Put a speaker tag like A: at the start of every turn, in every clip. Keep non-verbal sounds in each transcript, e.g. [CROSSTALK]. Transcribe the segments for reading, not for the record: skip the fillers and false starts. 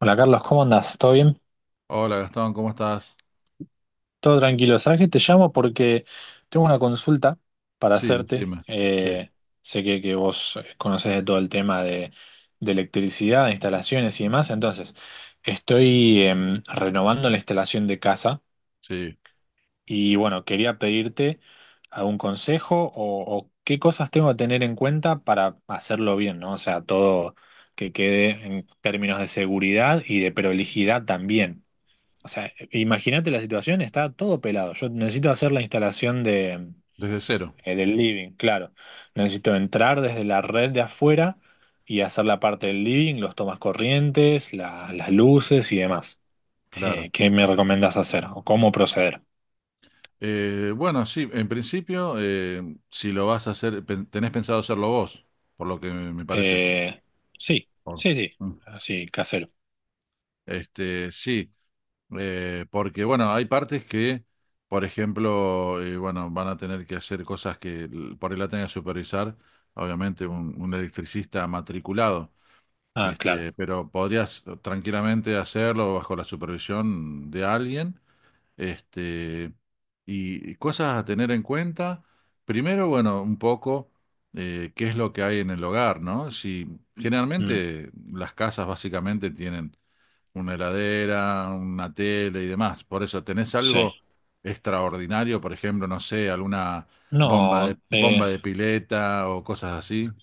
A: Hola Carlos, ¿cómo andás? ¿Todo bien?
B: Hola Gastón, ¿cómo estás?
A: Todo tranquilo. Sabes que te llamo porque tengo una consulta para
B: Sí,
A: hacerte.
B: decime. Sí,
A: Sé que vos conocés de todo el tema de electricidad, de instalaciones y demás. Entonces, estoy renovando la instalación de casa
B: sí,
A: y bueno, quería pedirte algún consejo o qué cosas tengo que tener en cuenta para hacerlo bien, ¿no? O sea, todo que quede en términos de seguridad y de prolijidad también. O sea, imagínate la situación, está todo pelado. Yo necesito hacer la instalación
B: desde cero,
A: del living, claro. Necesito entrar desde la red de afuera y hacer la parte del living, los tomas corrientes, las luces y demás.
B: claro.
A: ¿Qué me recomendás hacer o cómo proceder?
B: Bueno, sí, en principio, si lo vas a hacer, tenés pensado hacerlo vos, por lo que me parece.
A: Eh, sí,
B: Por-
A: sí, sí,
B: Mm.
A: así, casero.
B: Este, sí, porque bueno, hay partes que, por ejemplo, bueno, van a tener que hacer cosas que por ahí la tenga que supervisar, obviamente un electricista matriculado.
A: Ah, claro.
B: Este, pero podrías tranquilamente hacerlo bajo la supervisión de alguien. Este, y cosas a tener en cuenta. Primero, bueno, un poco, qué es lo que hay en el hogar, ¿no? Si
A: Mm,
B: Generalmente las casas básicamente tienen una heladera, una tele y demás. Por eso, ¿tenés algo
A: sí.
B: extraordinario? Por ejemplo, no sé, alguna
A: No, eh,
B: bomba de pileta o cosas así.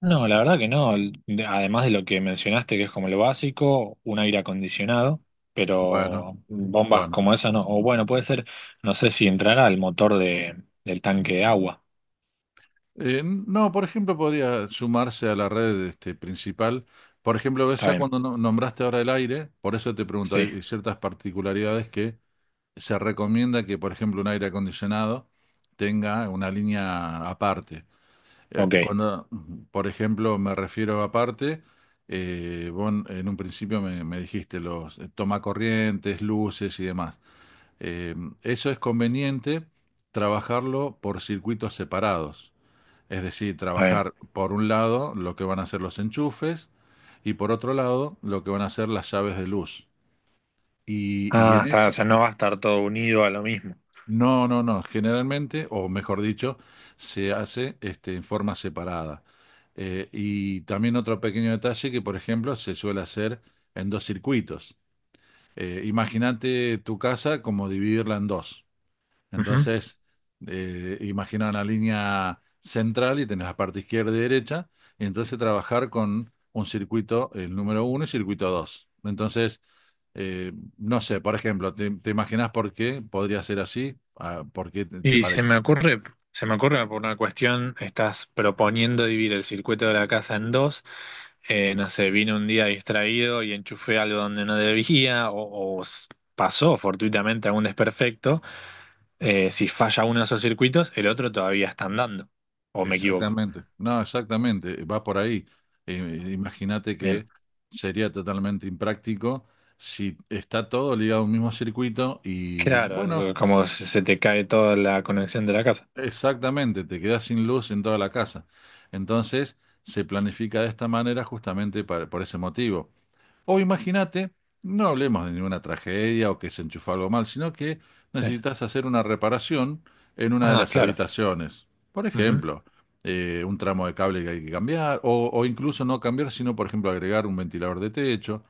A: No, la verdad que no. Además de lo que mencionaste, que es como lo básico, un aire acondicionado,
B: Bueno,
A: pero bombas
B: bueno.
A: como esa no. O bueno, puede ser, no sé si entrará al motor del tanque de agua.
B: No, por ejemplo, podría sumarse a la red, este, principal. Por ejemplo, ves
A: Está
B: ya
A: bien,
B: cuando nombraste ahora el aire, por eso te pregunto,
A: sí,
B: hay ciertas particularidades que se recomienda que, por ejemplo, un aire acondicionado tenga una línea aparte. Eh,
A: ok,
B: y
A: está
B: cuando, por ejemplo, me refiero a aparte, vos en un principio me dijiste los tomacorrientes, luces y demás. Eh, Eso es conveniente trabajarlo por circuitos separados. Es decir,
A: bien.
B: trabajar por un lado lo que van a ser los enchufes y por otro lado lo que van a ser las llaves de luz. Y, y
A: Ah,
B: en
A: está, o
B: esa,
A: sea, no va a estar todo unido a lo mismo.
B: no, no, no, generalmente, o mejor dicho, se hace, este, en forma separada. Y también otro pequeño detalle que, por ejemplo, se suele hacer en dos circuitos. Imagínate tu casa como dividirla en dos. Entonces, imagina una línea central y tenés la parte izquierda y derecha, y entonces trabajar con un circuito, el número uno y circuito dos. Entonces, no sé, por ejemplo, ¿te, imaginas por qué podría ser así? Ah, ¿por qué te
A: Y
B: parece?
A: se me ocurre por una cuestión, estás proponiendo dividir el circuito de la casa en dos. No sé, vine un día distraído y enchufé algo donde no debía, pasó fortuitamente algún desperfecto. Si falla uno de esos circuitos, el otro todavía está andando. ¿O me equivoco?
B: Exactamente, no, exactamente, va por ahí. Imagínate
A: Bien.
B: que sería totalmente impráctico si está todo ligado a un mismo circuito y
A: Claro,
B: bueno.
A: como se te cae toda la conexión de la casa.
B: Exactamente, te quedas sin luz en toda la casa. Entonces, se planifica de esta manera justamente por ese motivo. O imagínate, no hablemos de ninguna tragedia o que se enchufó algo mal, sino que
A: Sí.
B: necesitas hacer una reparación en una de
A: Ah,
B: las
A: claro.
B: habitaciones. Por
A: Ujú.
B: ejemplo, un tramo de cable que hay que cambiar, o incluso no cambiar, sino, por ejemplo, agregar un ventilador de techo.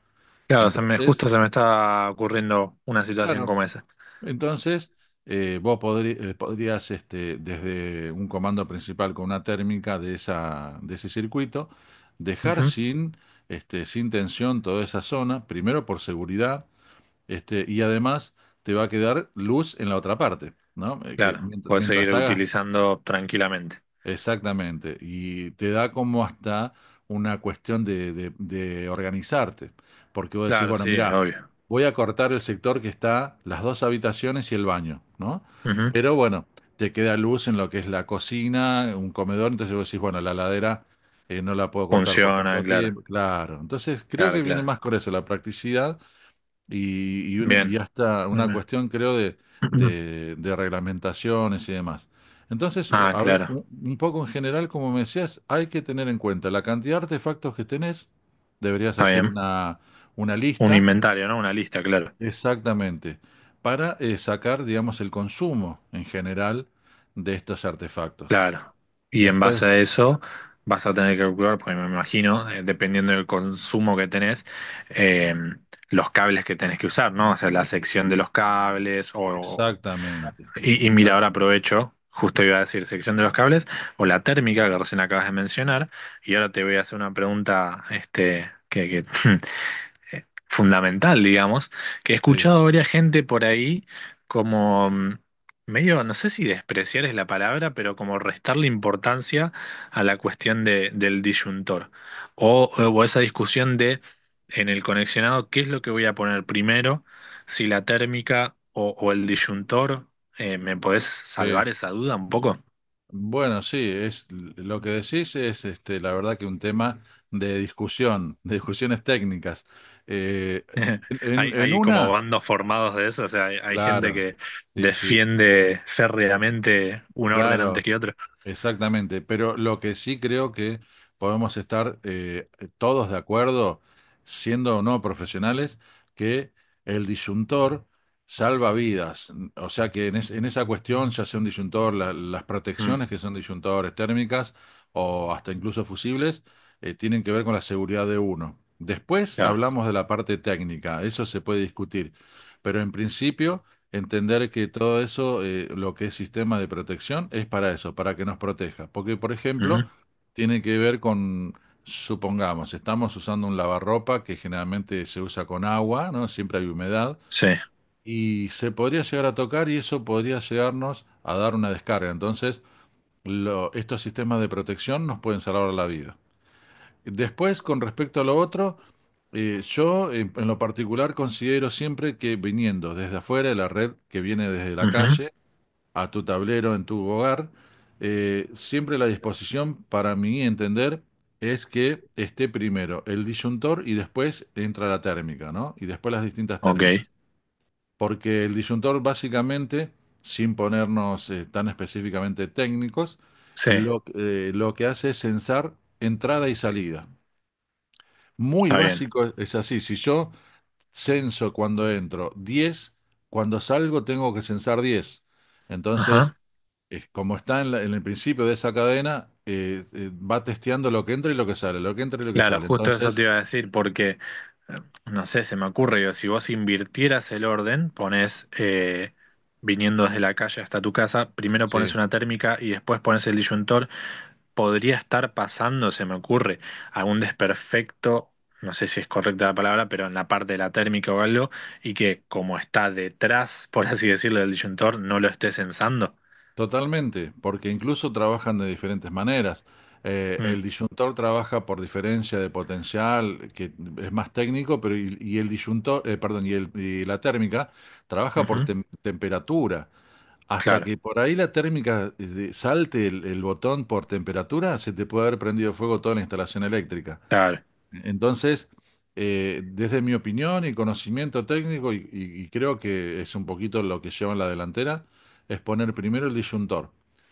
A: Claro, se me,
B: Entonces,
A: justo se me está ocurriendo una situación
B: claro.
A: como esa.
B: Entonces, podrías, este, desde un comando principal con una térmica de esa, de ese circuito, dejar sin, este, sin tensión toda esa zona, primero por seguridad, este, y además te va a quedar luz en la otra parte, ¿no?
A: Claro, puedes seguir
B: Mientras hagas.
A: utilizando tranquilamente.
B: Exactamente, y te da como hasta una cuestión de, de organizarte, porque vos decís,
A: Claro,
B: bueno,
A: sí,
B: mira,
A: obvio.
B: voy a cortar el sector que está las dos habitaciones y el baño, ¿no?
A: Ujú.
B: Pero bueno, te queda luz en lo que es la cocina, un comedor, entonces vos decís, bueno, la ladera no la puedo cortar por
A: Funciona,
B: tanto
A: claro,
B: tiempo, claro. Entonces creo
A: claro,
B: que viene más
A: claro.
B: con eso, la practicidad y una, y
A: Bien.
B: hasta una
A: Bien,
B: cuestión, creo, de,
A: [CLEARS THROAT]
B: de reglamentaciones y demás. Entonces,
A: Ah,
B: habla,
A: claro,
B: un poco en general, como me decías, hay que tener en cuenta la cantidad de artefactos que tenés, deberías
A: está
B: hacer
A: bien.
B: una
A: Un
B: lista
A: inventario, ¿no? Una lista, claro,
B: exactamente para, sacar, digamos, el consumo en general de estos artefactos.
A: claro. Y en
B: Después,
A: base a eso vas a tener que calcular, porque me imagino, dependiendo del consumo que tenés, eh, los cables que tenés que usar, ¿no? O sea, la sección de los cables
B: exactamente,
A: y mira, ahora
B: exactamente,
A: aprovecho, justo iba a decir sección de los cables, o la térmica que recién acabas de mencionar, y ahora te voy a hacer una pregunta este, que [LAUGHS] fundamental, digamos, que he
B: sí,
A: escuchado a varias gente por ahí como medio, no sé si despreciar es la palabra, pero como restarle importancia a la cuestión del disyuntor. O esa discusión de en el conexionado, ¿qué es lo que voy a poner primero? Si la térmica o el disyuntor. ¿Me podés
B: sí.
A: salvar esa duda un poco?
B: Bueno, sí, es lo que decís es, este, la verdad que un tema de discusión, de discusiones técnicas. Eh,
A: [LAUGHS]
B: en, en
A: Hay,
B: en
A: hay como
B: una,
A: bandos formados de eso, o sea, hay gente
B: claro,
A: que
B: sí, sí,
A: defiende férreamente un orden antes
B: claro.
A: que otro.
B: Exactamente, pero lo que sí creo que podemos estar, todos de acuerdo, siendo o no profesionales, que el disyuntor salva vidas. O sea que en, en esa cuestión, ya sea un disyuntor, las
A: Mm,
B: protecciones que son disyuntadores térmicas o hasta incluso fusibles, tienen que ver con la seguridad de uno. Después
A: claro.
B: hablamos de la parte técnica, eso se puede discutir, pero en principio, entender que todo eso, lo que es sistema de protección, es para eso, para que nos proteja. Porque, por ejemplo,
A: Ujú.
B: tiene que ver con, supongamos, estamos usando un lavarropa que generalmente se usa con agua, ¿no? Siempre hay humedad,
A: Sí.
B: y se podría llegar a tocar y eso podría llegarnos a dar una descarga. Entonces, estos sistemas de protección nos pueden salvar la vida. Después, con respecto a lo otro, en lo particular considero siempre que viniendo desde afuera, de la red que viene desde la
A: Ujú.
B: calle a tu tablero en tu hogar, siempre la disposición para mí entender es que esté primero el disyuntor y después entra la térmica, ¿no? Y después las distintas
A: Ok.
B: térmicas. Porque el disyuntor básicamente, sin ponernos tan específicamente técnicos,
A: Sí,
B: lo que hace es censar entrada y salida. Muy
A: está bien.
B: básico es así. Si yo censo cuando entro diez, cuando salgo tengo que censar diez. Entonces,
A: Ajá.
B: es como está en, en el principio de esa cadena, va testeando lo que entra y lo que sale, lo que entra y lo que
A: Claro,
B: sale.
A: justo eso te
B: Entonces,
A: iba a decir, porque, eh, no sé, se me ocurre, digo, si vos invirtieras el orden, pones, viniendo desde la calle hasta tu casa, primero pones
B: sí,
A: una térmica y después pones el disyuntor. Podría estar pasando, se me ocurre, algún desperfecto, no sé si es correcta la palabra, pero en la parte de la térmica o algo, y que como está detrás, [LAUGHS] por así decirlo, del disyuntor, no lo esté censando.
B: totalmente, porque incluso trabajan de diferentes maneras.
A: Mm,
B: El disyuntor trabaja por diferencia de potencial, que es más técnico, pero y el disyuntor, perdón, y la térmica trabaja por
A: ujú,
B: temperatura. Hasta
A: claro,
B: que por ahí la térmica, salte el botón por temperatura, se te puede haber prendido fuego toda la instalación eléctrica.
A: claro,
B: Entonces, desde mi opinión y conocimiento técnico, y creo que es un poquito lo que lleva en la delantera, es poner primero el disyuntor,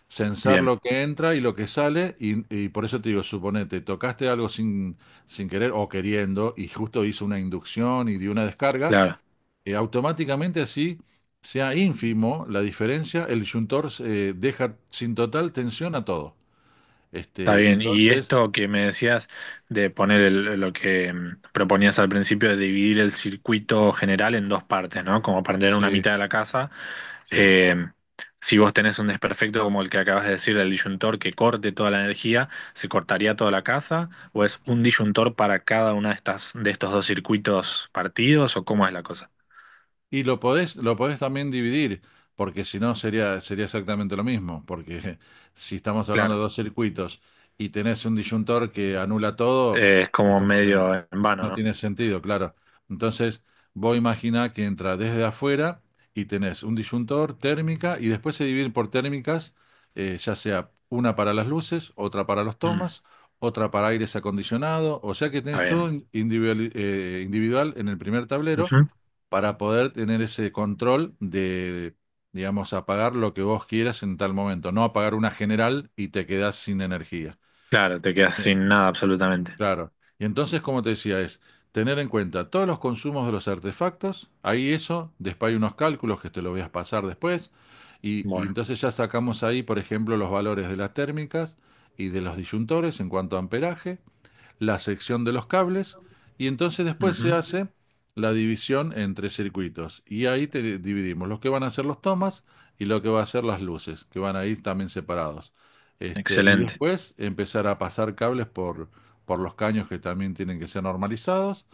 B: censar
A: bien,
B: lo que entra y lo que sale, y por eso te digo, suponete, tocaste algo sin, sin querer o queriendo, y justo hizo una inducción y dio una descarga,
A: claro.
B: automáticamente así sea ínfimo la diferencia, el disyuntor, deja sin total tensión a todo.
A: Está
B: Este,
A: bien, y
B: entonces,
A: esto que me decías de poner lo que proponías al principio de dividir el circuito general en dos partes, ¿no? Como para tener una
B: sí,
A: mitad de la casa.
B: sí.
A: Eh, si vos tenés un desperfecto como el que acabas de decir del disyuntor que corte toda la energía, ¿se cortaría toda la casa? ¿O es un disyuntor para cada una de estas, de estos dos circuitos partidos? ¿O cómo es la cosa?
B: Y lo podés también dividir, porque si no sería, sería exactamente lo mismo, porque [LAUGHS] si estamos hablando
A: Claro,
B: de dos circuitos y tenés un disyuntor que anula todo,
A: es
B: es
A: como
B: como que no,
A: medio en vano,
B: no
A: ¿no?
B: tiene sentido, claro. Entonces, vos imaginá que entra desde afuera y tenés un disyuntor, térmica, y después se divide por térmicas, ya sea una para las luces, otra para los
A: Mm,
B: tomas, otra para aires acondicionado, o sea que
A: está
B: tenés todo
A: bien.
B: individual, individual en el primer tablero
A: Ujú.
B: para poder tener ese control de, digamos, apagar lo que vos quieras en tal momento, no apagar una general y te quedás sin energía.
A: Claro, te quedas
B: Eh,
A: sin nada absolutamente.
B: Claro. Y entonces, como te decía, es tener en cuenta todos los consumos de los artefactos, ahí eso, después hay unos cálculos que te lo voy a pasar después, y
A: Bueno.
B: entonces ya sacamos ahí, por ejemplo, los valores de las térmicas y de los disyuntores en cuanto a amperaje, la sección de los cables y entonces después se
A: Ujú.
B: hace la división entre circuitos y ahí te dividimos lo que van a ser los tomas y lo que va a ser las luces, que van a ir también separados. Este, y
A: Excelente,
B: después empezar a pasar cables por los caños que también tienen que ser normalizados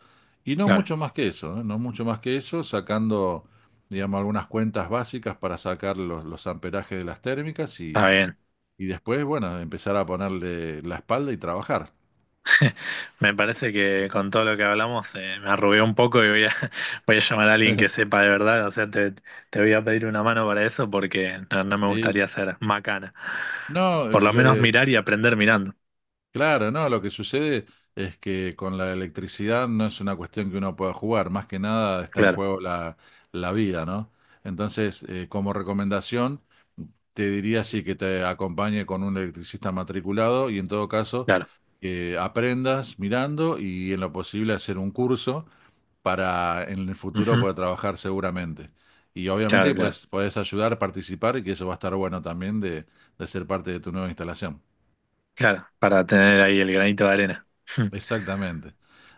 B: y no
A: claro.
B: mucho más que eso, ¿eh? No mucho más que eso, sacando, digamos, algunas cuentas básicas para sacar los amperajes de las térmicas
A: Está bien.
B: y después, bueno, empezar a ponerle la espalda y trabajar.
A: Me parece que con todo lo que hablamos me arrugué un poco y voy a, [LAUGHS] voy a llamar a alguien que sepa de verdad. O sea, te voy a pedir una mano para eso porque no, no me
B: Sí,
A: gustaría ser macana.
B: no,
A: Por lo menos mirar y aprender mirando.
B: claro, no, lo que sucede es que con la electricidad no es una cuestión que uno pueda jugar, más que nada está en
A: Claro,
B: juego la, la vida, ¿no? Entonces, como recomendación, te diría sí que te acompañe con un electricista matriculado y en todo caso
A: claro.
B: que aprendas mirando y en lo posible hacer un curso para en el futuro
A: Ujú.
B: poder trabajar seguramente. Y obviamente
A: Claro, claro.
B: pues, puedes ayudar, participar y que eso va a estar bueno también de ser parte de tu nueva instalación.
A: Claro, para tener ahí el granito de arena.
B: Exactamente.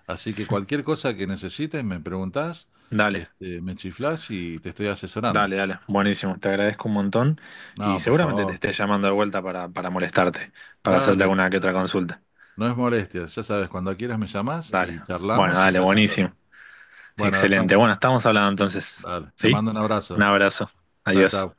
B: Así que cualquier
A: [LAUGHS]
B: cosa que necesites, me preguntás,
A: Dale,
B: este, me chiflás y te estoy asesorando.
A: dale, dale. Buenísimo. Te agradezco un montón y
B: No, por
A: seguramente te
B: favor,
A: esté llamando de vuelta para molestarte, para hacerte
B: dale,
A: alguna que otra consulta.
B: no es molestia. Ya sabes, cuando quieras me llamás
A: Dale.
B: y
A: Bueno,
B: charlamos y
A: dale,
B: te asesoro.
A: buenísimo.
B: Bueno, Gastón,
A: Excelente. Bueno, estamos hablando entonces.
B: dale, te
A: ¿Sí?
B: mando un
A: Un
B: abrazo.
A: abrazo.
B: Chao,
A: Adiós.
B: chao.